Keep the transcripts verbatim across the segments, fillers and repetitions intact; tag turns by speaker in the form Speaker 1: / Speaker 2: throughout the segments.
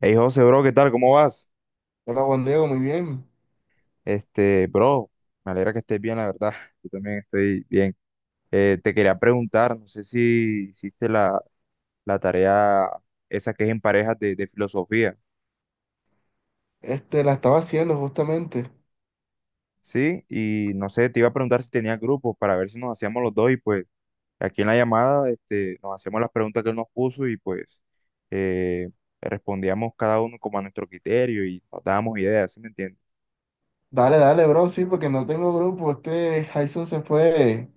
Speaker 1: Hey José, bro, ¿qué tal? ¿Cómo vas?
Speaker 2: Hola Juan Diego, muy bien.
Speaker 1: Este, bro, me alegra que estés bien, la verdad. Yo también estoy bien. Eh, te quería preguntar, no sé si hiciste la, la tarea esa que es en parejas de, de filosofía,
Speaker 2: Este, la estaba haciendo justamente.
Speaker 1: ¿sí? Y no sé, te iba a preguntar si tenías grupos para ver si nos hacíamos los dos y pues aquí en la llamada este, nos hacíamos las preguntas que él nos puso y pues eh, respondíamos cada uno como a nuestro criterio y nos dábamos ideas, ¿sí me entiendes?
Speaker 2: Dale, dale, bro, sí, porque no tengo grupo. Este Jason se fue,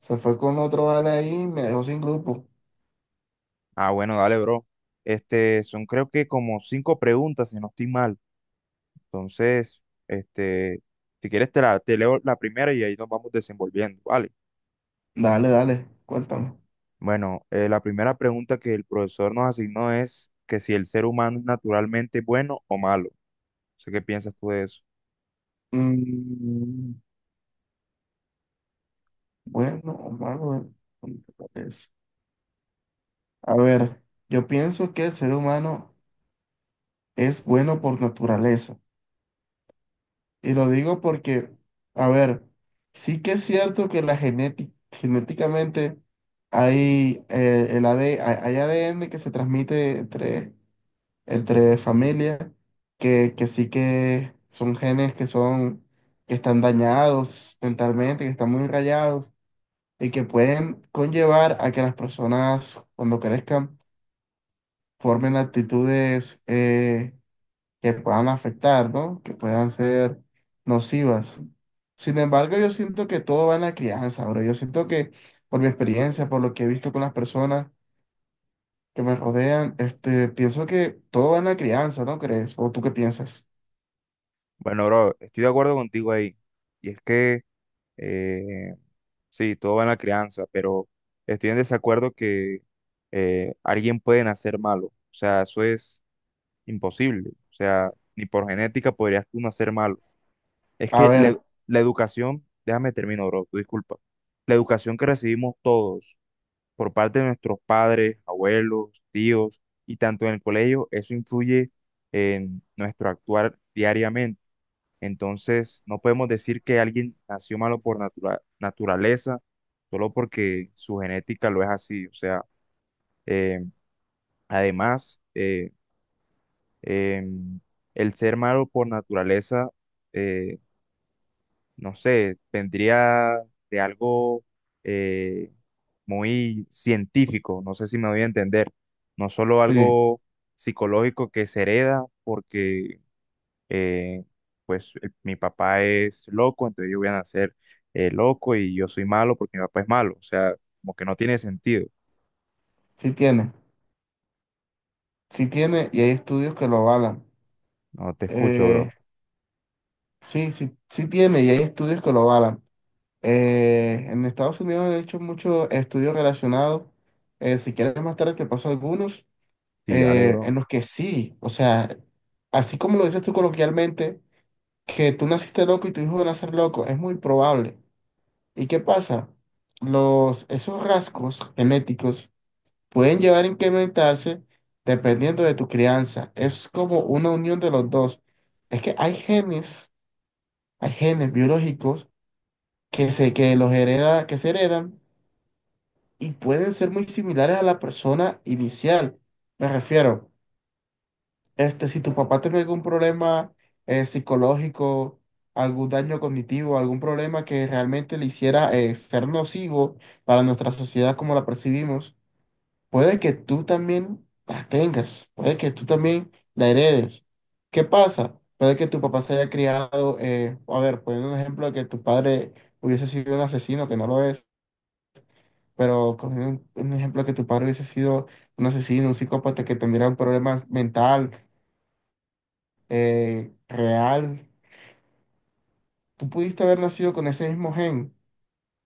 Speaker 2: se fue con otro vale ahí y me dejó sin grupo.
Speaker 1: Ah, bueno, dale, bro. Este, son creo que como cinco preguntas, si no estoy mal. Entonces, este, si quieres te la, te leo la primera y ahí nos vamos desenvolviendo, ¿vale?
Speaker 2: Dale, dale, cuéntame.
Speaker 1: Bueno, eh, la primera pregunta que el profesor nos asignó es que si el ser humano es naturalmente bueno o malo. No sé qué piensas tú de eso.
Speaker 2: Mm, bueno, Omar, bueno, ¿cómo te parece? A ver, yo pienso que el ser humano es bueno por naturaleza. Y lo digo porque, a ver, sí que es cierto que la genética, genéticamente hay, eh, el AD hay hay A D N que se transmite entre, entre familias, que, que sí que son genes que son, que están dañados mentalmente, que están muy rayados y que pueden conllevar a que las personas cuando crezcan formen actitudes, eh, que puedan afectar, ¿no? Que puedan ser nocivas. Sin embargo, yo siento que todo va en la crianza, bro. Yo siento que por mi experiencia, por lo que he visto con las personas que me rodean, este, pienso que todo va en la crianza, ¿no crees? ¿O tú qué piensas?
Speaker 1: Bueno, bro, estoy de acuerdo contigo ahí. Y es que, eh, sí, todo va en la crianza, pero estoy en desacuerdo que eh, alguien puede nacer malo. O sea, eso es imposible. O sea, ni por genética podrías tú nacer malo. Es
Speaker 2: A
Speaker 1: que la,
Speaker 2: ver,
Speaker 1: la educación, déjame termino, bro, tú disculpa. La educación que recibimos todos por parte de nuestros padres, abuelos, tíos y tanto en el colegio, eso influye en nuestro actuar diariamente. Entonces, no podemos decir que alguien nació malo por natura- naturaleza solo porque su genética lo es así. O sea, eh, además, eh, em, el ser malo por naturaleza, eh, no sé, vendría de algo eh, muy científico, no sé si me voy a entender, no solo
Speaker 2: sí,
Speaker 1: algo psicológico que se hereda porque eh, pues el- mi papá es loco, entonces yo voy a nacer eh, loco y yo soy malo porque mi papá es malo, o sea, como que no tiene sentido.
Speaker 2: sí tiene, sí tiene y hay estudios que lo avalan.
Speaker 1: No te escucho,
Speaker 2: Eh,
Speaker 1: bro.
Speaker 2: sí, sí, sí tiene y hay estudios que lo avalan. Eh, en Estados Unidos han hecho muchos estudios relacionados. Eh, si quieres más tarde te paso algunos
Speaker 1: Sí, dale,
Speaker 2: eh, en
Speaker 1: bro.
Speaker 2: los que sí, o sea, así como lo dices tú coloquialmente, que tú naciste loco y tu hijo va a nacer loco, es muy probable. ¿Y qué pasa? Los, esos rasgos genéticos pueden llevar a incrementarse dependiendo de tu crianza. Es como una unión de los dos. Es que hay genes, hay genes biológicos que se, que los hereda, que se heredan y pueden ser muy similares a la persona inicial. Me refiero. Este, si tu papá tiene algún problema eh, psicológico, algún daño cognitivo, algún problema que realmente le hiciera eh, ser nocivo para nuestra sociedad como la percibimos, puede que tú también la tengas, puede que tú también la heredes. ¿Qué pasa? Puede que tu papá se haya criado, eh, a ver, poniendo un ejemplo de que tu padre hubiese sido un asesino, que no lo es, pero cogiendo un, un ejemplo de que tu padre hubiese sido un asesino, un psicópata que tendría un problema mental eh, real. Tú pudiste haber nacido con ese mismo gen,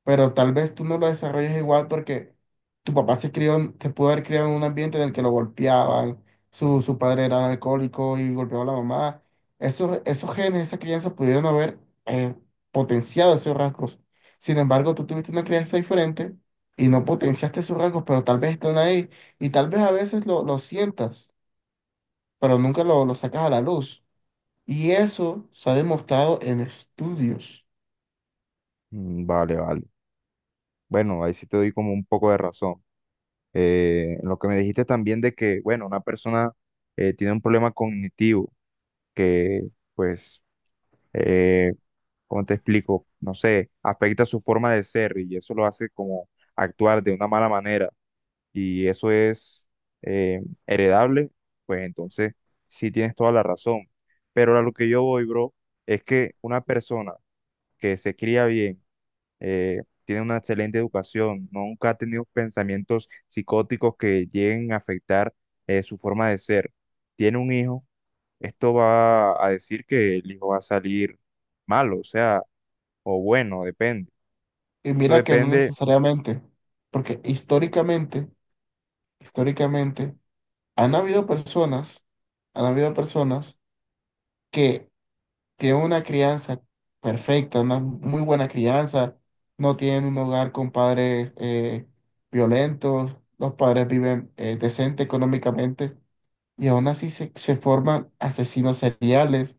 Speaker 2: pero tal vez tú no lo desarrolles igual porque tu papá se crió, en- se pudo haber criado en un ambiente en el que lo golpeaban, su, su padre era alcohólico y golpeaba a la mamá. Esos, esos genes, esa crianza pudieron haber eh, potenciado esos rasgos. Sin embargo, tú tuviste una crianza diferente y no potenciaste esos rasgos, pero tal vez están ahí y tal vez a veces lo, lo sientas, pero nunca lo, lo sacas a la luz. Y eso se ha demostrado en estudios.
Speaker 1: Mm, vale, vale. Bueno, ahí sí te doy como un poco de razón. Eh, lo que me dijiste también de que, bueno, una persona eh, tiene un problema cognitivo que, pues, eh, ¿cómo te explico? No sé, afecta su forma de ser y eso lo hace como actuar de una mala manera y eso es eh, heredable, pues entonces sí tienes toda la razón. Pero a lo que yo voy, bro, es que una persona que se cría bien, eh, tiene una excelente educación, nunca ha tenido pensamientos psicóticos que lleguen a afectar eh, su forma de ser. Tiene un hijo, esto va a decir que el hijo va a salir malo, o sea, o bueno, depende.
Speaker 2: Y
Speaker 1: Eso
Speaker 2: mira que no
Speaker 1: depende.
Speaker 2: necesariamente, porque históricamente, históricamente, han habido personas, han habido personas que tienen una crianza perfecta, una muy buena crianza, no tienen un hogar con padres eh, violentos, los padres viven eh, decente económicamente y aún así se, se forman asesinos seriales.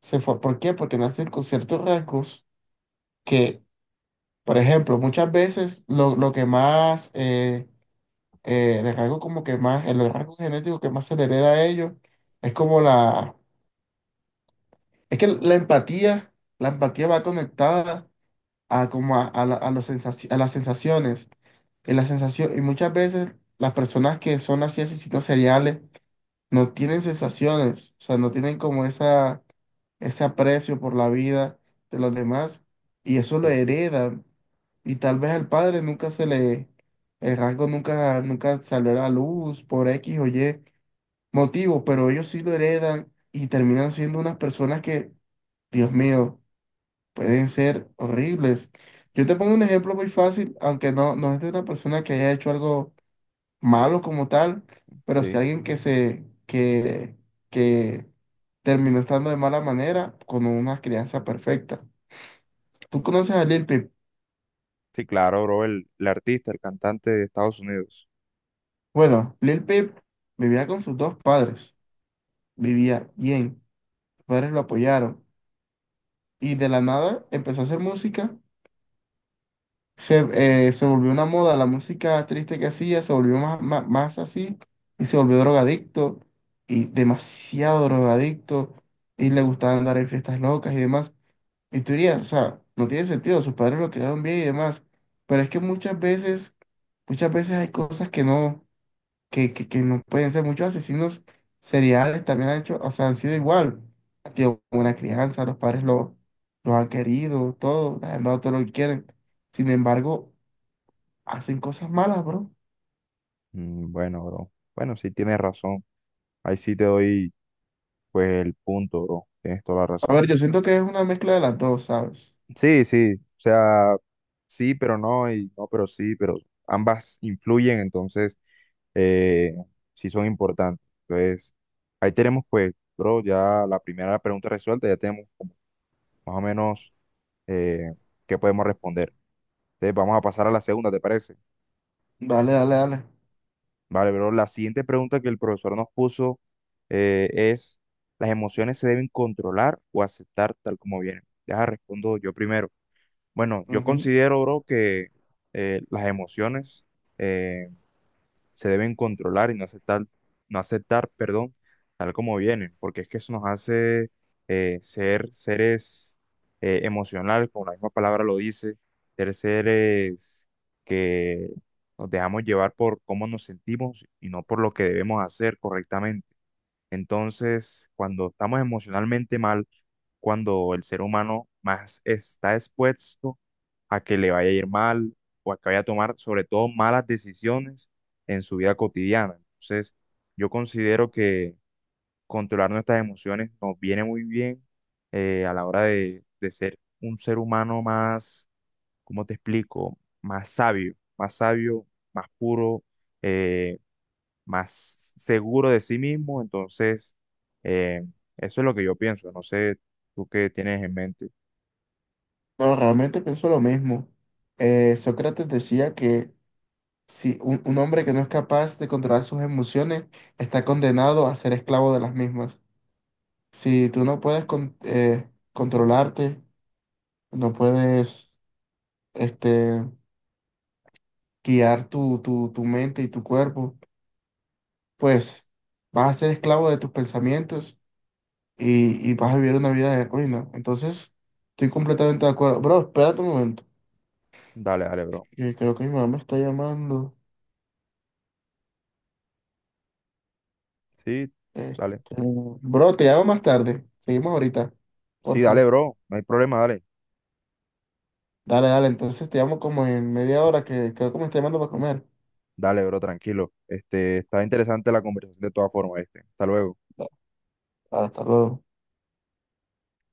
Speaker 2: Se for- ¿Por qué? Porque nacen con ciertos rasgos que por ejemplo, muchas veces lo, lo que más, eh, eh, el rasgo como que más, el rasgo genético que más se le hereda a ellos es como la, es que la empatía, la empatía va conectada a como a, a la- a los sensaci- a las sensaciones, y la sensación, y muchas veces las personas que son así asesinos seriales no tienen sensaciones, o sea, no tienen como esa ese aprecio por la vida de los demás y eso lo
Speaker 1: Sí,
Speaker 2: heredan. Y tal vez al padre nunca se le, el rasgo nunca, nunca salió a la luz por X o Y motivo, pero ellos sí lo heredan y terminan siendo unas personas que, Dios mío, pueden ser horribles. Yo te pongo un ejemplo muy fácil, aunque no, no es de una persona que haya hecho algo malo como tal, pero si
Speaker 1: sí.
Speaker 2: alguien que se, que, que terminó estando de mala manera con una crianza perfecta. ¿Tú conoces a Lil Peep?
Speaker 1: Sí, claro, bro, el, el artista, el cantante de Estados Unidos.
Speaker 2: Bueno, Lil Peep vivía con sus dos padres, vivía bien, sus padres lo apoyaron y de la nada empezó a hacer música, se, eh, se volvió una moda, la música triste que hacía se volvió más, más, más así y se volvió drogadicto y demasiado drogadicto y le gustaba andar en fiestas locas y demás. Y tú dirías, o sea, no tiene sentido, sus padres lo crearon bien y demás. Pero es que muchas veces, muchas veces hay cosas que no, que, que, que no pueden ser. Muchos asesinos seriales también han hecho, o sea, han sido igual. Han tenido buena crianza, los padres lo, los han querido, todo, les han dado todo lo que quieren. Sin embargo, hacen cosas malas, bro.
Speaker 1: Mm, bueno, bro. Bueno, sí tienes razón. Ahí sí te doy, pues, el punto, bro. Tienes toda la
Speaker 2: A
Speaker 1: razón.
Speaker 2: ver, yo siento que es una mezcla de las dos, ¿sabes?
Speaker 1: Sí, sí. O sea, sí, pero no, y no, pero sí, pero ambas influyen, entonces eh, sí son importantes. Entonces, ahí tenemos pues, bro, ya la primera pregunta resuelta, ya tenemos como más o menos eh, qué podemos responder. Entonces, vamos a pasar a la segunda, ¿te parece?
Speaker 2: Dale, dale, dale.
Speaker 1: Vale, bro, la siguiente pregunta que el profesor nos puso eh, es, ¿las emociones se deben controlar o aceptar tal como vienen? Deja, respondo yo primero. Bueno, yo
Speaker 2: Ujú.
Speaker 1: considero, bro, que eh, las emociones... eh, se deben controlar y no aceptar, no aceptar, perdón, tal como vienen, porque es que eso nos hace eh, ser seres eh, emocionales, como la misma palabra lo dice, ser seres que nos dejamos llevar por cómo nos sentimos y no por lo que debemos hacer correctamente. Entonces, cuando estamos emocionalmente mal, cuando el ser humano más está expuesto a que le vaya a ir mal o a que vaya a tomar sobre todo malas decisiones en su vida cotidiana. Entonces, yo considero que controlar nuestras emociones nos viene muy bien eh, a la hora de, de ser un ser humano más, ¿cómo te explico? Más sabio, más sabio, más puro, eh, más seguro de sí mismo. Entonces, eh, eso es lo que yo pienso. No sé tú qué tienes en mente.
Speaker 2: No, realmente pienso lo mismo. Eh, Sócrates decía que si un, un hombre que no es capaz de controlar sus emociones está condenado a ser esclavo de las mismas. Si tú no puedes con- eh, controlarte, no puedes este, guiar tu, tu, tu mente y tu cuerpo, pues vas a ser esclavo de tus pensamientos y, y vas a vivir una vida de ruina. Entonces, estoy completamente de acuerdo. Bro, espérate un momento,
Speaker 1: Dale, dale, bro.
Speaker 2: que creo que mi mamá me está llamando.
Speaker 1: Sí,
Speaker 2: Este,
Speaker 1: dale.
Speaker 2: bro, te llamo más tarde. Seguimos ahorita,
Speaker 1: Sí,
Speaker 2: por
Speaker 1: dale,
Speaker 2: favor.
Speaker 1: bro. No hay problema, dale.
Speaker 2: Dale, dale, entonces te llamo como en media hora que creo que me está llamando para comer.
Speaker 1: Dale, bro, tranquilo. Este, está interesante la conversación de todas formas, este. Hasta luego.
Speaker 2: Hasta luego.